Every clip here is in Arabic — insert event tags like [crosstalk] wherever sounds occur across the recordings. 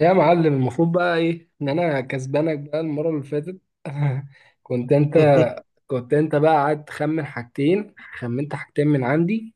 يا معلم المفروض بقى ايه ان انا كسبانك بقى المره اللي فاتت. [laughs] كنت انت [laughs] كنت انت بقى قاعد تخمن حاجتين، خمنت حاجتين من عندي.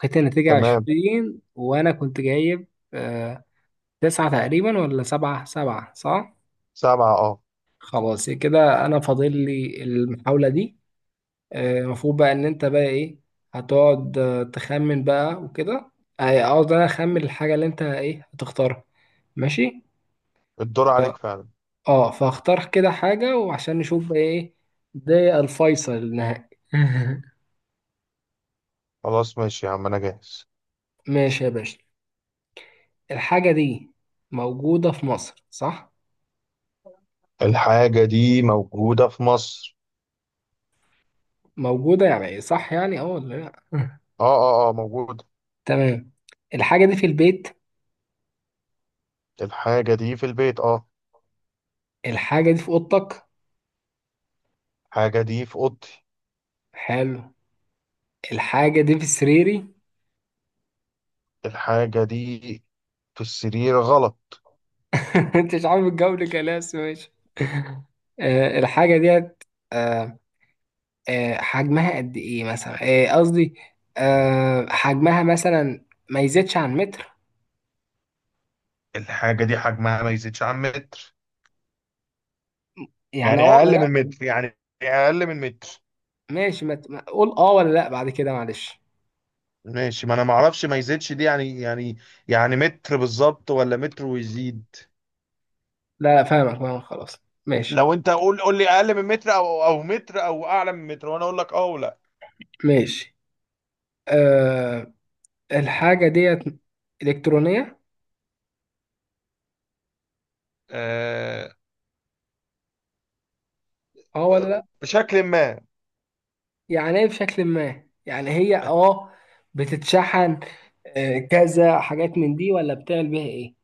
لقيت النتيجه تمام. 20 وانا كنت جايب آه تسعه تقريبا ولا سبعه، سبعه صح. سبعة، اه. خلاص كده انا فاضل لي المحاوله دي. المفروض بقى ان انت بقى ايه، هتقعد تخمن بقى وكده. اقعد انا اخمن الحاجه اللي انت ايه هتختارها. ماشي، الدور عليك فعلا. اه فاختار كده حاجة وعشان نشوف بقى ايه، ده الفيصل النهائي. [laughs] خلاص ماشي يا عم، انا جاهز. ماشي يا باشا. الحاجة دي موجودة في مصر صح؟ الحاجة دي موجودة في مصر. موجودة يعني ايه؟ صح يعني اه ولا لا؟ [laughs] اه اه اه، موجودة. تمام. الحاجة دي في البيت. الحاجة دي في البيت، اه. الحاجة دي في أوضتك. الحاجة دي في اوضتي. حلو. الحاجة دي في سريري. الحاجة دي في السرير غلط. [laughs] انت مش عارف الجو كلاس ماشي. آه الحاجة ديت. آه حجمها قد ايه مثلا؟ قصدي حجمها مثلا ما يزيدش عن متر. الحاجة دي حجمها ما يزيدش عن متر، يعني اه يعني ولا اقل لا. من متر يعني اقل من متر ماشي، ما ت- ما- قول اه ولا لا بعد كده معلش. ماشي، ما انا ما اعرفش ما يزيدش دي يعني متر بالظبط ولا متر ويزيد. لا فاهمك، فاهمك، خلاص ماشي. لو انت قول لي اقل من متر او متر او اعلى من متر وانا اقول لك اه ولا. ماشي. أه الحاجة ديت إلكترونية آه، اه ولا لا؟ بشكل ما. يعني ايه بشكل ما؟ يعني هي اه بتتشحن؟ كذا حاجات من دي ولا بتعمل بيها ايه؟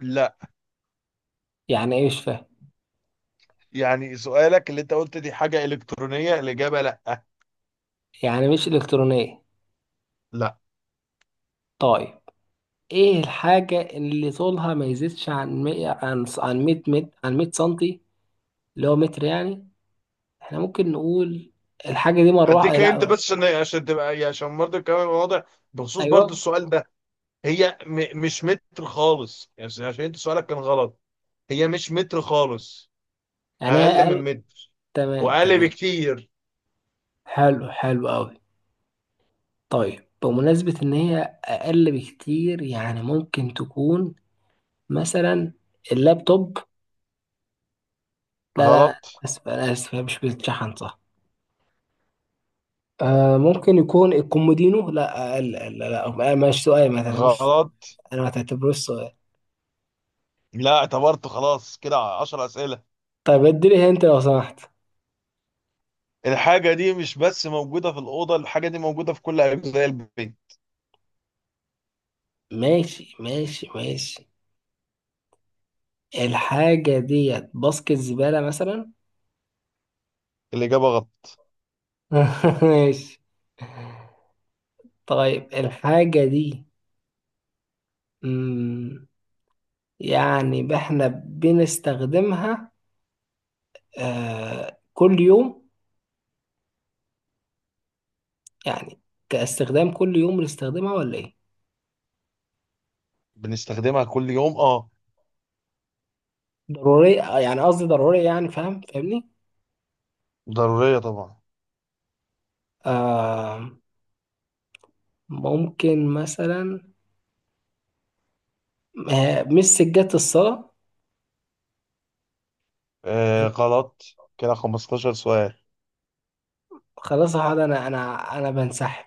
لا، يعني ايه؟ مش فاهم. يعني سؤالك اللي انت قلت دي حاجه الكترونيه، الاجابه لا. يعني مش إلكترونية. لا. طيب ايه الحاجة اللي طولها ما يزيدش عن 100، عن 100 متر، عن 100 سنتي اللي هو متر يعني؟ احنا ممكن نقول الحاجة دي مروحة؟ اديك انت لا. بس عشان تبقى يعني عشان برضه الكلام يبقى واضح، بخصوص ايوه، برضه السؤال ده. هي مش متر خالص، يعني عشان انت سؤالك كان غلط. هي مش متر خالص. انا اقل من اقل. متر، تمام واقل تمام. بكتير. حلو، حلو قوي. طيب بمناسبة ان هي اقل بكتير، يعني ممكن تكون مثلا اللابتوب؟ لا لا غلط لا اسف، انا اسف، هي مش بتتشحن صح. آه ممكن يكون الكومودينو؟ لا اقل، لا لا لا، مش سؤال، ما تعتبروش. غلط. انا ما تعتبروش سؤال. لا اعتبرته، خلاص كده 10 اسئله. طيب اديني انت لو سمحت. الحاجة دي مش بس موجودة في الأوضة، الحاجة دي موجودة في كل أجزاء البيت. ماشي ماشي ماشي. الحاجة ديت باسكت زبالة مثلا؟ الإجابة غلط. [laughs] ماشي. طيب الحاجة دي مم، يعني احنا بنستخدمها كل يوم يعني، كاستخدام كل يوم بنستخدمها ولا ايه؟ بنستخدمها كل يوم، أه. ضرورية يعني قصدي ضرورية يعني، فاهم، فاهمني؟ ضرورية طبعا. آه. ممكن مثلا مش سجادة الصلاة؟ آه غلط. كده 15 سؤال. خلاص يا حاج، انا بنسحب.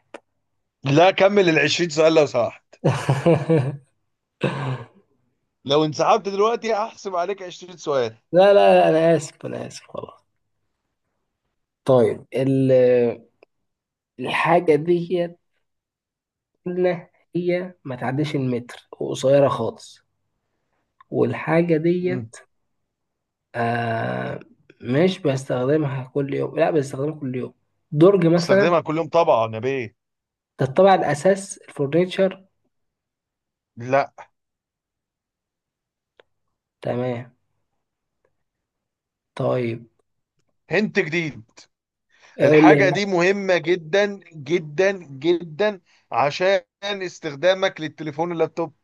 لا كمل ال 20 سؤال لو سمحت. [laughs] لو انسحبت دلوقتي هحسب عليك 20 سؤال. لا لا لا، انا اسف، انا اسف خلاص. طيب الحاجة دي إن هي ما تعديش المتر وقصيرة خالص، والحاجة مم. ديت آه مش بستخدمها كل يوم، لا بستخدمها كل يوم. درج مثلا؟ بستخدمها كل يوم طبعا يا بيه. ده الطابع الأساس الفurniture. لا. تمام. طيب هنت جديد. أقول الحاجة لي. دي مهمة جدا، جدا جدا، عشان استخدامك للتليفون واللابتوب.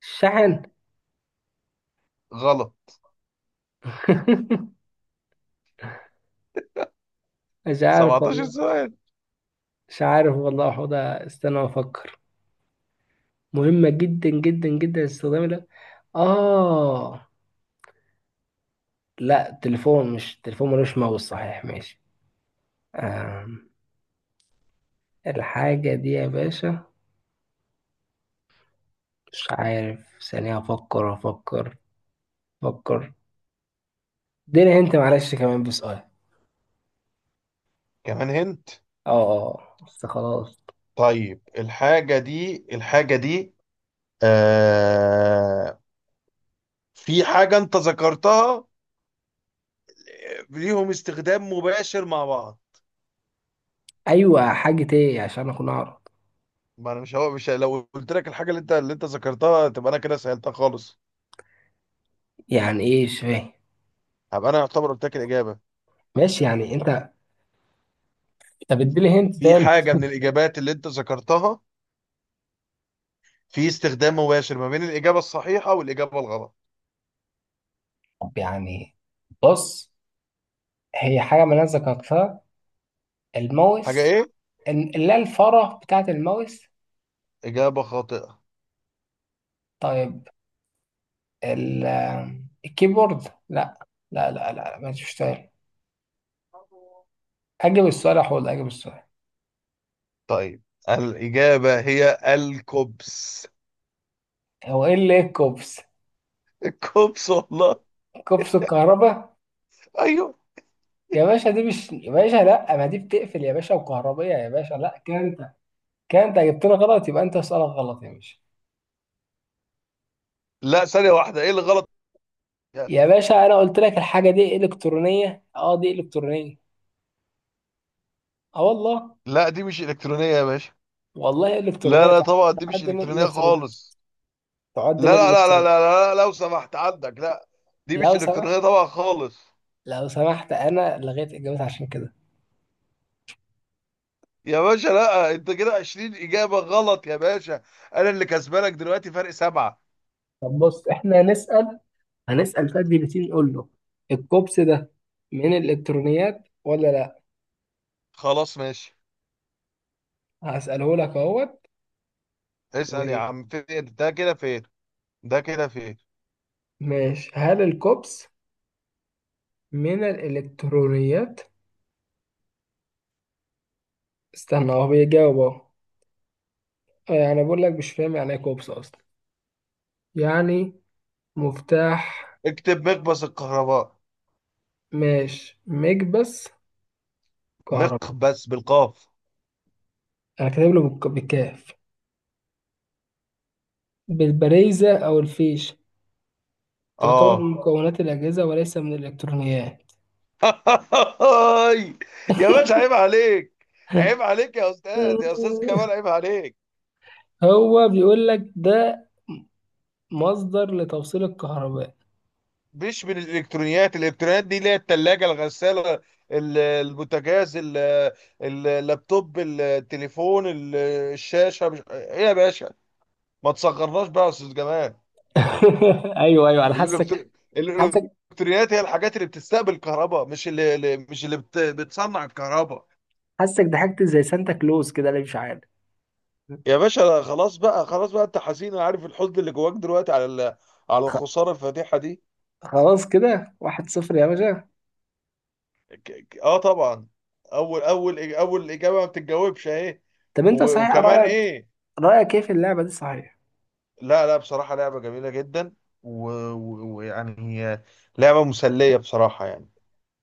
شحن؟ غلط. [laughs] مش عارف 17 والله. سؤال. مش عارف والله، حوضة استنى أفكر. مهمة جدا جدا جدا الاستخدام ده؟ آه. لا تليفون، مش تليفون ملوش ماوس صحيح ماشي. آه. الحاجة دي يا باشا مش عارف، ثانية أفكر أفكر أفكر. اديني أنت معلش كمان بسؤال. كمان هنت. أه أه آه. بس خلاص. طيب، الحاجة دي، آه، في حاجة انت ذكرتها، آه، ليهم استخدام مباشر مع بعض. أيوة حاجة إيه عشان أكون أعرف. ما انا مش هو مش لو قلت لك الحاجة اللي انت ذكرتها تبقى انا كده سألتها خالص. يعني إيه؟ مش فاهم. هبقى انا يعتبر قلت لك الإجابة. ماشي يعني أنت، طب اديني هنت في تاني. حاجة من الإجابات اللي انت ذكرتها في استخدام مباشر ما بين الإجابة الصحيحة والإجابة الغلط. طب يعني بص، هي حاجة ما ذكرتها، حاجة الماوس. ايه؟ لا الفارة بتاعة الماوس. إجابة خاطئة. طيب ال- الكيبورد؟ لا، لا ما تشتغل. أجب السؤال يا حوض، أجب السؤال. طيب، الإجابة هي الكوبس. هو إيه اللي إيه الكوبس؟ [laughs] الكوبس والله. كوبس الكهرباء؟ ايوه. يا باشا دي مش يا باشا، لا ما دي بتقفل يا باشا وكهربية يا باشا، لا كده انت، كده انت جبتنا غلط، يبقى انت سؤالك غلط يا باشا. لا، ثانية واحدة، ايه اللي غلط فيها؟ يا باشا انا قلت لك الحاجة دي الكترونية، اه دي الكترونية اه والله. لا دي مش الكترونية يا باشا. والله لا الكترونية، لا، طبعا دي مش تعد من الكترونية الالكترون، خالص. لا تعد من لا لا لا الالكترون. لا لا, لا، لو سمحت عندك، لا. دي مش لو سمحت، الكترونية طبعا خالص. لو سمحت، انا لغيت اجابتي عشان كده. يا باشا لا، انت كده 20 إجابة غلط يا باشا. انا اللي كسبانك دلوقتي فرق 7. طب بص احنا هنسأل، هنسأل شات جي بي تي، نقول له الكوبس ده من الالكترونيات ولا لا. خلاص ماشي. هسأله لك اهوت. اسأل يا عم، فين ده كده، فين ده كده، فين. وماشي، هل الكوبس من الإلكترونيات؟ استنى هو بيجاوب أهو. يعني بقول لك مش فاهم يعني إيه كوبس أصلا، يعني مفتاح. اكتب مقبس الكهرباء. ماشي، مكبس كهرباء. مقبس بالقاف. أنا كاتب له بالكاف، بالبريزة أو الفيش. تعتبر من اه. مكونات الأجهزة وليس من الإلكترونيات. هاي. يا باشا [laughs] عيب عليك. عيب عليك يا استاذ، يا استاذ جمال عيب عليك. هو بيقول لك ده مصدر لتوصيل الكهرباء. مش من الالكترونيات. الالكترونيات دي اللي هي الثلاجه، الغساله، البوتاجاز، اللابتوب، التليفون، الشاشه. مش ايه يا باشا، ما تصغرناش بقى يا استاذ جمال. [laughs] ايوه ايوه انا حاسك، الإلكتر- حاسك الالكترونيات هي الحاجات اللي بتستقبل كهرباء، مش مش اللي بتصنع الكهرباء. حاسك ضحكت زي سانتا كلوز كده اللي مش عارف. يا باشا خلاص بقى، خلاص بقى، انت حزين انا عارف الحزن اللي جواك دلوقتي على على الخساره الفادحه دي. خلاص كده واحد صفر يا باشا. اه طبعا. اول اجابه ما بتتجاوبش اهي. طب انت صحيح وكمان رأيك، ايه. رأيك ايه في اللعبة دي صحيح؟ لا لا، بصراحه لعبه جميله جدا، ويعني هي لعبه مسليه بصراحه يعني.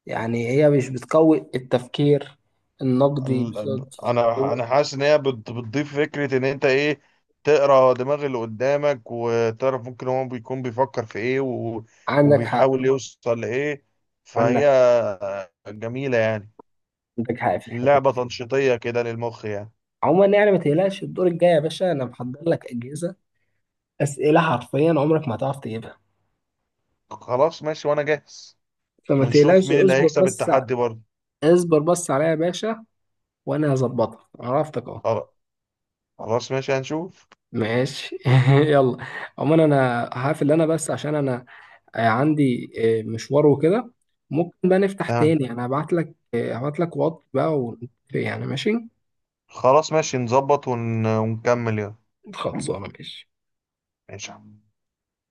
يعني هي مش بتقوي التفكير النقدي انا حاسس ان هي بتضيف فكره ان انت ايه، تقرا دماغ اللي قدامك وتعرف ممكن هو بيكون بيفكر في ايه عندك حق، وبيحاول يوصل لايه. فهي عندك جميله يعني، عندك حق في الحتة لعبه دي. تنشيطيه كده للمخ يعني. عموما يعني ما تقلقش الدور الجاي يا باشا، انا محضر لك أجهزة أسئلة حرفيا عمرك ما هتعرف تجيبها. خلاص ماشي وانا جاهز، فما ونشوف تقلقش، مين اللي اصبر هيكسب بس التحدي برضه. اصبر بس عليا يا باشا، وانا هظبطها عرفتك اهو. خلاص، خلاص ماشي هنشوف. ماشي. [laughs] يلا. عموما انا هقفل انا بس عشان انا عندي مشوار وكده. ممكن بقى نفتح تمام تاني، انا هبعت لك هبعت لك واتس بقى يعني ماشي. خلاص ماشي، نظبط ونكمل يلا. خلصانه ماشي. ماشي يا عم.